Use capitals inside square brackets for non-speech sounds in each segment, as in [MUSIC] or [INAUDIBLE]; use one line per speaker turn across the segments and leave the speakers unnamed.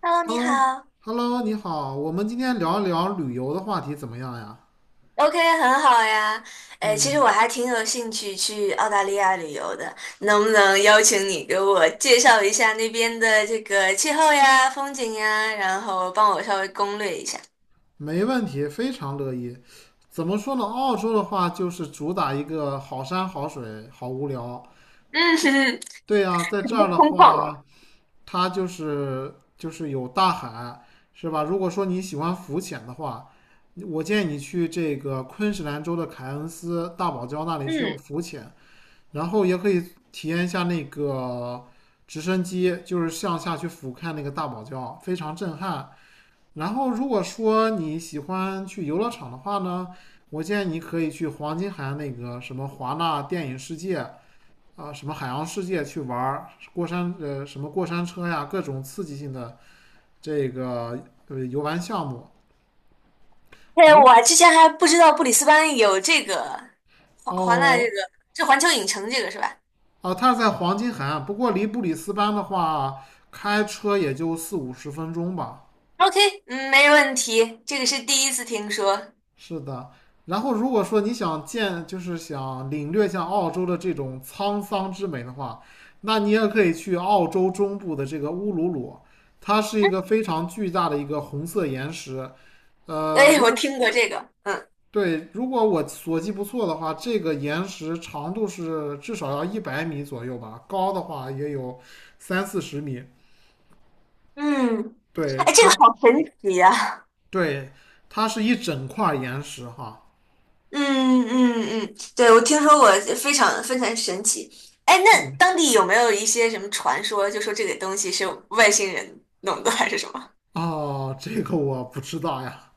Hello，你好。
Hello，Hello，你好，我们今天聊一聊旅游的话题怎么样呀？
OK，很好呀。哎，其实
嗯，
我还挺有兴趣去澳大利亚旅游的，能不能邀请你给我介绍一下那边的这个气候呀、风景呀，然后帮我稍微攻略一下？
没问题，非常乐意。怎么说呢？澳洲的话就是主打一个好山好水，好无聊。
嗯，[LAUGHS] 哼哼，
对呀，在这
很
儿的
空旷了。
话，它就是有大海，是吧？如果说你喜欢浮潜的话，我建议你去这个昆士兰州的凯恩斯大堡礁那里去
嗯，
浮潜，然后也可以体验一下那个直升机，就是向下去俯瞰那个大堡礁，非常震撼。然后如果说你喜欢去游乐场的话呢，我建议你可以去黄金海岸那个什么华纳电影世界。啊什么海洋世界去玩什么过山车呀，各种刺激性的这个游玩项目。
对，
如
我之前还不知道布里斯班有这个华这个
哦
是环球影城这个是吧
哦，它是在黄金海岸，不过离布里斯班的话，开车也就四五十分钟吧。
？OK，嗯，没问题，这个是第一次听说。[LAUGHS]
是的，然后如果说你想见，就是想领略像澳洲的这种沧桑之美的话，那你也可以去澳洲中部的这个乌鲁鲁，它是一个非常巨大的一个红色岩石。呃，
哎，
如
我
果
听过这个，嗯
对，如果我所记不错的话，这个岩石长度是至少要100米左右吧，高的话也有三四十米。
嗯，哎，
对，
这个好神奇呀、[LAUGHS]
对，它是一整块岩石哈。
嗯嗯嗯，对，我听说过，非常非常神奇。哎，那当地有没有一些什么传说，就说这个东西是外星人弄的，还是什么？
哦，这个我不知道呀，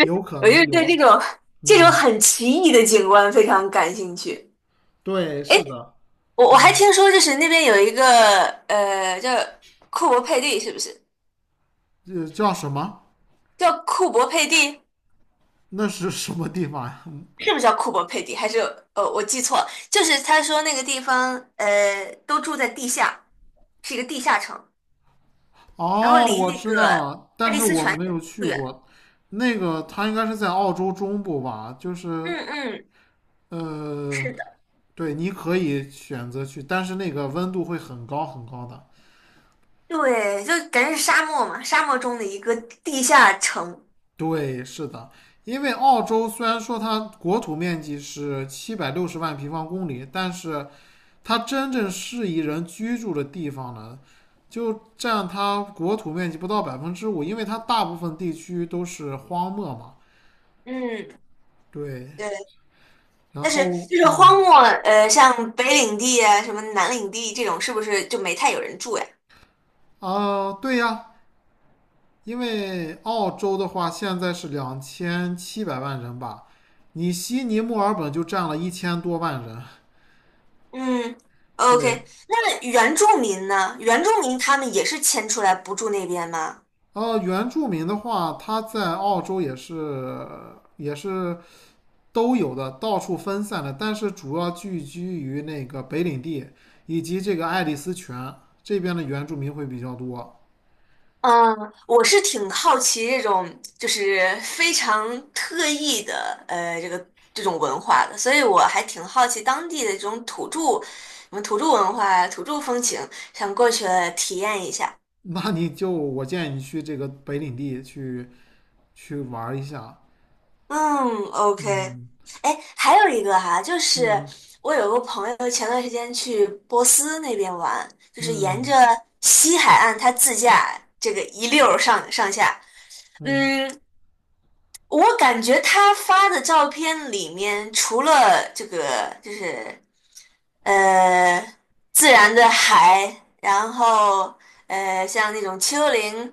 有
[LAUGHS]
可
我就
能
是对这
有。
种
嗯，
很奇异的景观非常感兴趣。
对，
哎，
是的，
我还
嗯，
听说，就是那边有一个叫库珀佩蒂，是不是
这叫什么？
叫库珀佩蒂？
那是什么地方呀？[LAUGHS] 嗯
是不是叫库珀佩蒂？还是我记错了，就是他说那个地方都住在地下，是一个地下城。然后
哦，
离
我
那
知
个
道了，但
爱丽
是
丝
我
泉
没有
也不
去
远。
过。那个，它应该是在澳洲中部吧？就是，
嗯嗯，
呃。
是的，
对，你可以选择去，但是那个温度会很高很高的。
对，就感觉是沙漠嘛，沙漠中的一个地下城。
对，是的，因为澳洲虽然说它国土面积是760万平方公里，但是它真正适宜人居住的地方呢，就占它国土面积不到5%，因为它大部分地区都是荒漠嘛。
嗯，
对，
对，
然
但是
后
就是
嗯
荒漠，像北领地啊，什么南领地这种，是不是就没太有人住呀？
啊，对呀，因为澳洲的话现在是2700万人吧，你悉尼、墨尔本就占了1000多万人。
嗯
对，
，OK，那原住民呢？原住民他们也是迁出来不住那边吗？
呃，原住民的话，他在澳洲也是都有的，到处分散的，但是主要聚居于那个北领地以及这个爱丽丝泉这边的原住民会比较多。
嗯，我是挺好奇这种就是非常特异的这个这种文化的，所以我还挺好奇当地的这种土著，什么土著文化、呀、土著风情，想过去体验一下。
那你就我建议你去这个北领地去玩一下。
嗯，OK。
嗯
哎，还有一个哈，就是
嗯
我有个朋友前段时间去波斯那边玩，就是沿着
嗯
西海岸他自驾这个一溜儿上上下。
嗯。
嗯，我感觉他发的照片里面，除了这个就是呃自然的海，然后像那种丘陵，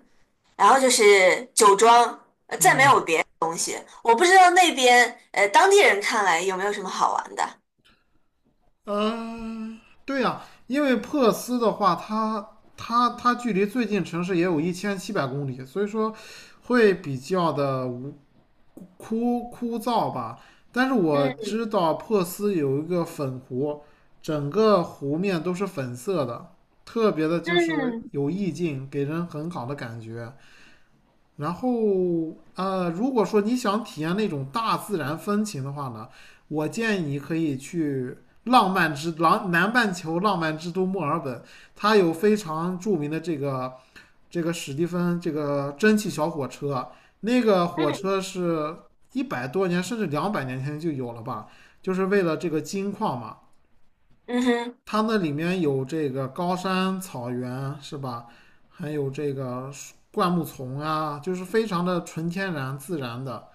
然后就是酒庄，呃再没
嗯，
有别。我不知道那边当地人看来有没有什么好玩的。
呃，对呀、因为珀斯的话，它距离最近城市也有1700公里，所以说会比较的无枯枯燥吧。但是我
嗯
知道珀斯有一个粉湖，整个湖面都是粉色的，特别的就是
嗯
有意境，给人很好的感觉。然后如果说你想体验那种大自然风情的话呢，我建议你可以去浪漫之浪南半球浪漫之都墨尔本，它有非常著名的这个史蒂芬这个蒸汽小火车，那个火
嗯，
车是100多年甚至200年前就有了吧，就是为了这个金矿嘛。
嗯哼，
它那里面有这个高山、草原，是吧？还有这个灌木丛啊，就是非常的纯天然、自然的。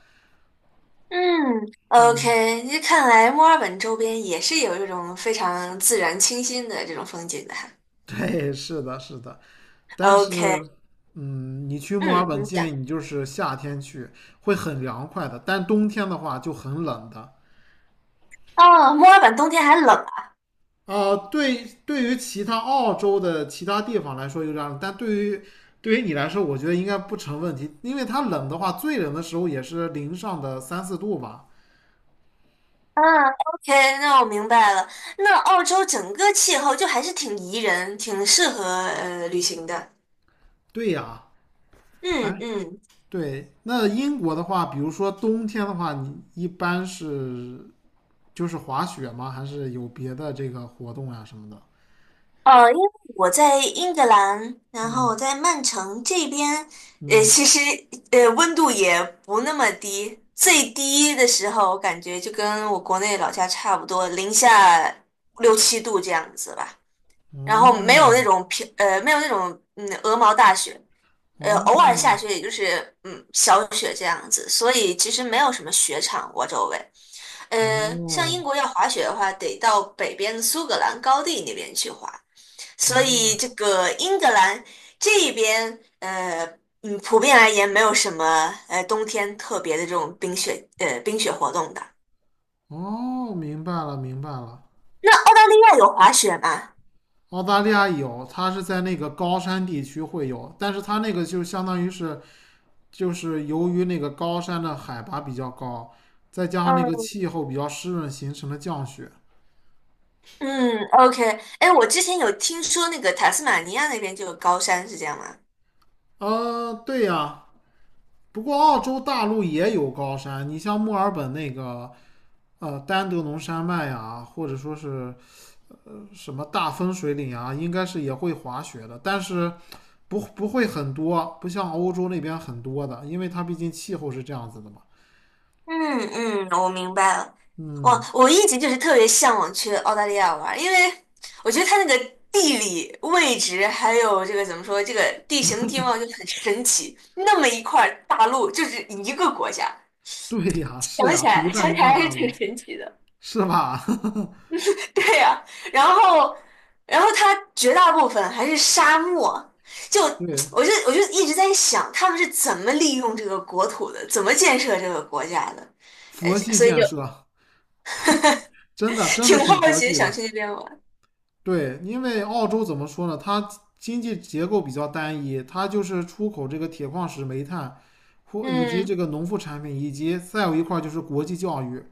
嗯
嗯，
，OK，那看来墨尔本周边也是有这种非常自然清新的这种风景的哈。
[LAUGHS] 对，是的，是的。但
OK，
是，嗯，你去墨
嗯，
尔本
你
建
讲。
议你就是夏天去，会很凉快的。但冬天的话就很冷的。
哦，墨尔本冬天还冷啊。
对，对于其他澳洲的其他地方来说有点冷，但对于你来说，我觉得应该不成问题，因为它冷的话，最冷的时候也是零上的三四度吧。
嗯，OK，那我明白了。那澳洲整个气候就还是挺宜人，挺适合旅行的。
对呀，
嗯
哎，
嗯，
对。那英国的话，比如说冬天的话，你一般是就是滑雪吗？还是有别的这个活动呀什么的？
因为我在英格兰，然后
嗯
我在曼城这边，
嗯，
其实温度也不那么低，最低的时候我感觉就跟我国内老家差不多，零下六七度这样子吧。然后没有那
哦
种没有那种鹅毛大雪，偶尔下
哦
雪也就是小雪这样子，所以其实没有什么雪场我周围。像英
哦
国要滑雪的话，得到北边的苏格兰高地那边去滑，所
哦
以这个英格兰这边普遍而言没有什么冬天特别的这种冰雪活动的。
哦，明白了明白了。
那澳大利亚有滑雪吗？
澳大利亚有，它是在那个高山地区会有，但是它那个就相当于是，就是由于那个高山的海拔比较高，再加上那个
嗯。
气候比较湿润形成的降雪。
嗯，OK，哎，我之前有听说那个塔斯马尼亚那边就有高山，是这样吗？
对呀，不过澳洲大陆也有高山，你像墨尔本那个丹德农山脉呀、或者说是什么大分水岭啊，应该是也会滑雪的，但是不会很多，不像欧洲那边很多的，因为它毕竟气候是这样子的嘛。
嗯嗯，我明白了。我
嗯，
我一直就是特别向往去澳大利亚玩儿，因为我觉得它那个地理位置还有这个怎么说，这个地形地貌就很神奇。那么一块儿大陆就是一个国家，
对呀，是呀，独占
想
一
起来
块
还是
大
挺
陆，
神奇的。
是吧？[LAUGHS]
[LAUGHS] 对呀、然后，然后它绝大部分还是沙漠，就
对，
[TSK] 我就一直在想，他们是怎么利用这个国土的，怎么建设这个国家的，呃，
佛系
所以
建
就
设，真的
[LAUGHS]
真的
挺
挺
好
佛
奇，
系
想
的。
去那边玩。
对，因为澳洲怎么说呢？它经济结构比较单一，它就是出口这个铁矿石、煤炭，或以及这
嗯
个农副产品，以及再有一块儿就是国际教育，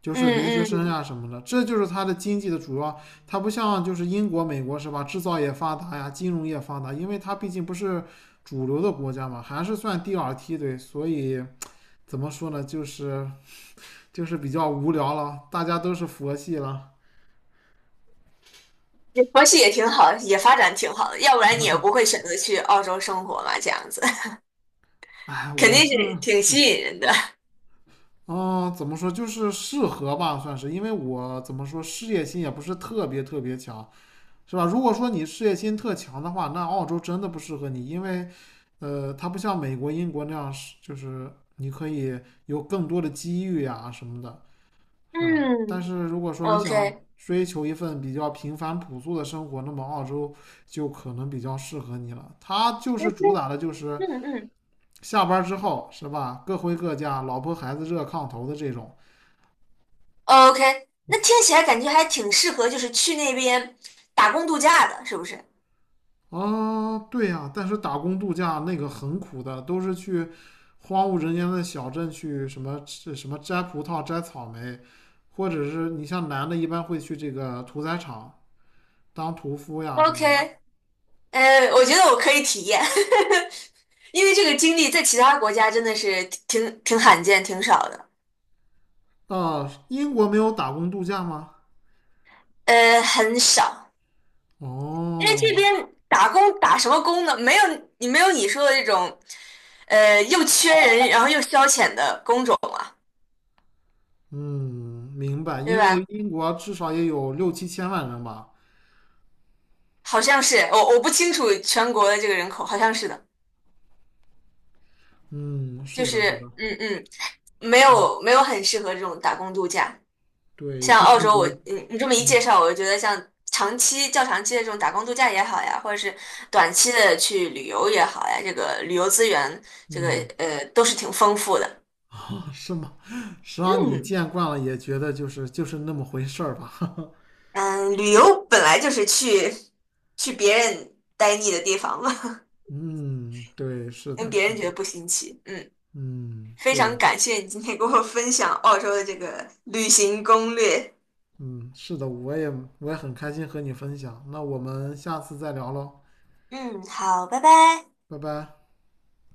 就是留学
嗯
生
嗯，
呀、什么的，这就是它的经济的主要。它不像就是英国、美国是吧？制造业发达呀，金融业发达，因为它毕竟不是主流的国家嘛，还是算第二梯队，所以怎么说呢？就是比较无聊了，大家都是佛系了。
也佛系也挺好，也发展挺好的，要不然你也不会选择去澳洲生活嘛，这样子
哎，
[LAUGHS] 肯
我
定
是。
是挺吸引人的。
嗯，怎么说就是适合吧，算是，因为我怎么说事业心也不是特别特别强，是吧？如果说你事业心特强的话，那澳洲真的不适合你，因为，呃，它不像美国、英国那样是，就是你可以有更多的机遇呀什么的，是吧？但
嗯
是如果说你想
，OK，
追求一份比较平凡朴素的生活，那么澳洲就可能比较适合你了。它就是主打的就是
嗯嗯。
下班之后，是吧？各回各家，老婆孩子热炕头的这种。
OK，那听起来感觉还挺适合，就是去那边打工度假的，是不是
啊，对呀、但是打工度假那个很苦的，都是去荒无人烟的小镇去什么吃什么摘葡萄、摘草莓，或者是你像男的，一般会去这个屠宰场当屠夫呀什么的。
？OK，呃，我觉得我可以体验，[LAUGHS] 因为这个经历在其他国家真的是挺罕见、挺少的，
啊，英国没有打工度假吗？
呃，很少。因为这
哦，
边打工打什么工呢？没有你说的这种，呃，又缺人，然后又消遣的工种啊，
嗯，明白，
对
因为
吧？
英国至少也有六七千万人吧。
好像是，我不清楚全国的这个人口，好像是的，
嗯，
就
是的，是的，
是嗯嗯。没有很适合这种打工度假。
对，
像
不
澳
同
洲我，
国，
你这么一
嗯
介绍，我就觉得像长期较长期的这种打工度假也好呀，或者是短期的去旅游也好呀，这个旅游资源，这个
嗯。
都是挺丰富的。
是吗？实际上你
嗯
见惯了，也觉得就是那么回事儿吧。[LAUGHS]
嗯，旅游本来就是去别人待腻的地方嘛，
嗯，对，是
[LAUGHS] 让
的，
别
是
人觉
的，
得不新奇。嗯，
嗯，
非常
对，
感谢你今天给我分享澳洲的这个旅行攻略。
嗯，是的，我也很开心和你分享。那我们下次再聊喽，
嗯，好，拜拜。
拜拜。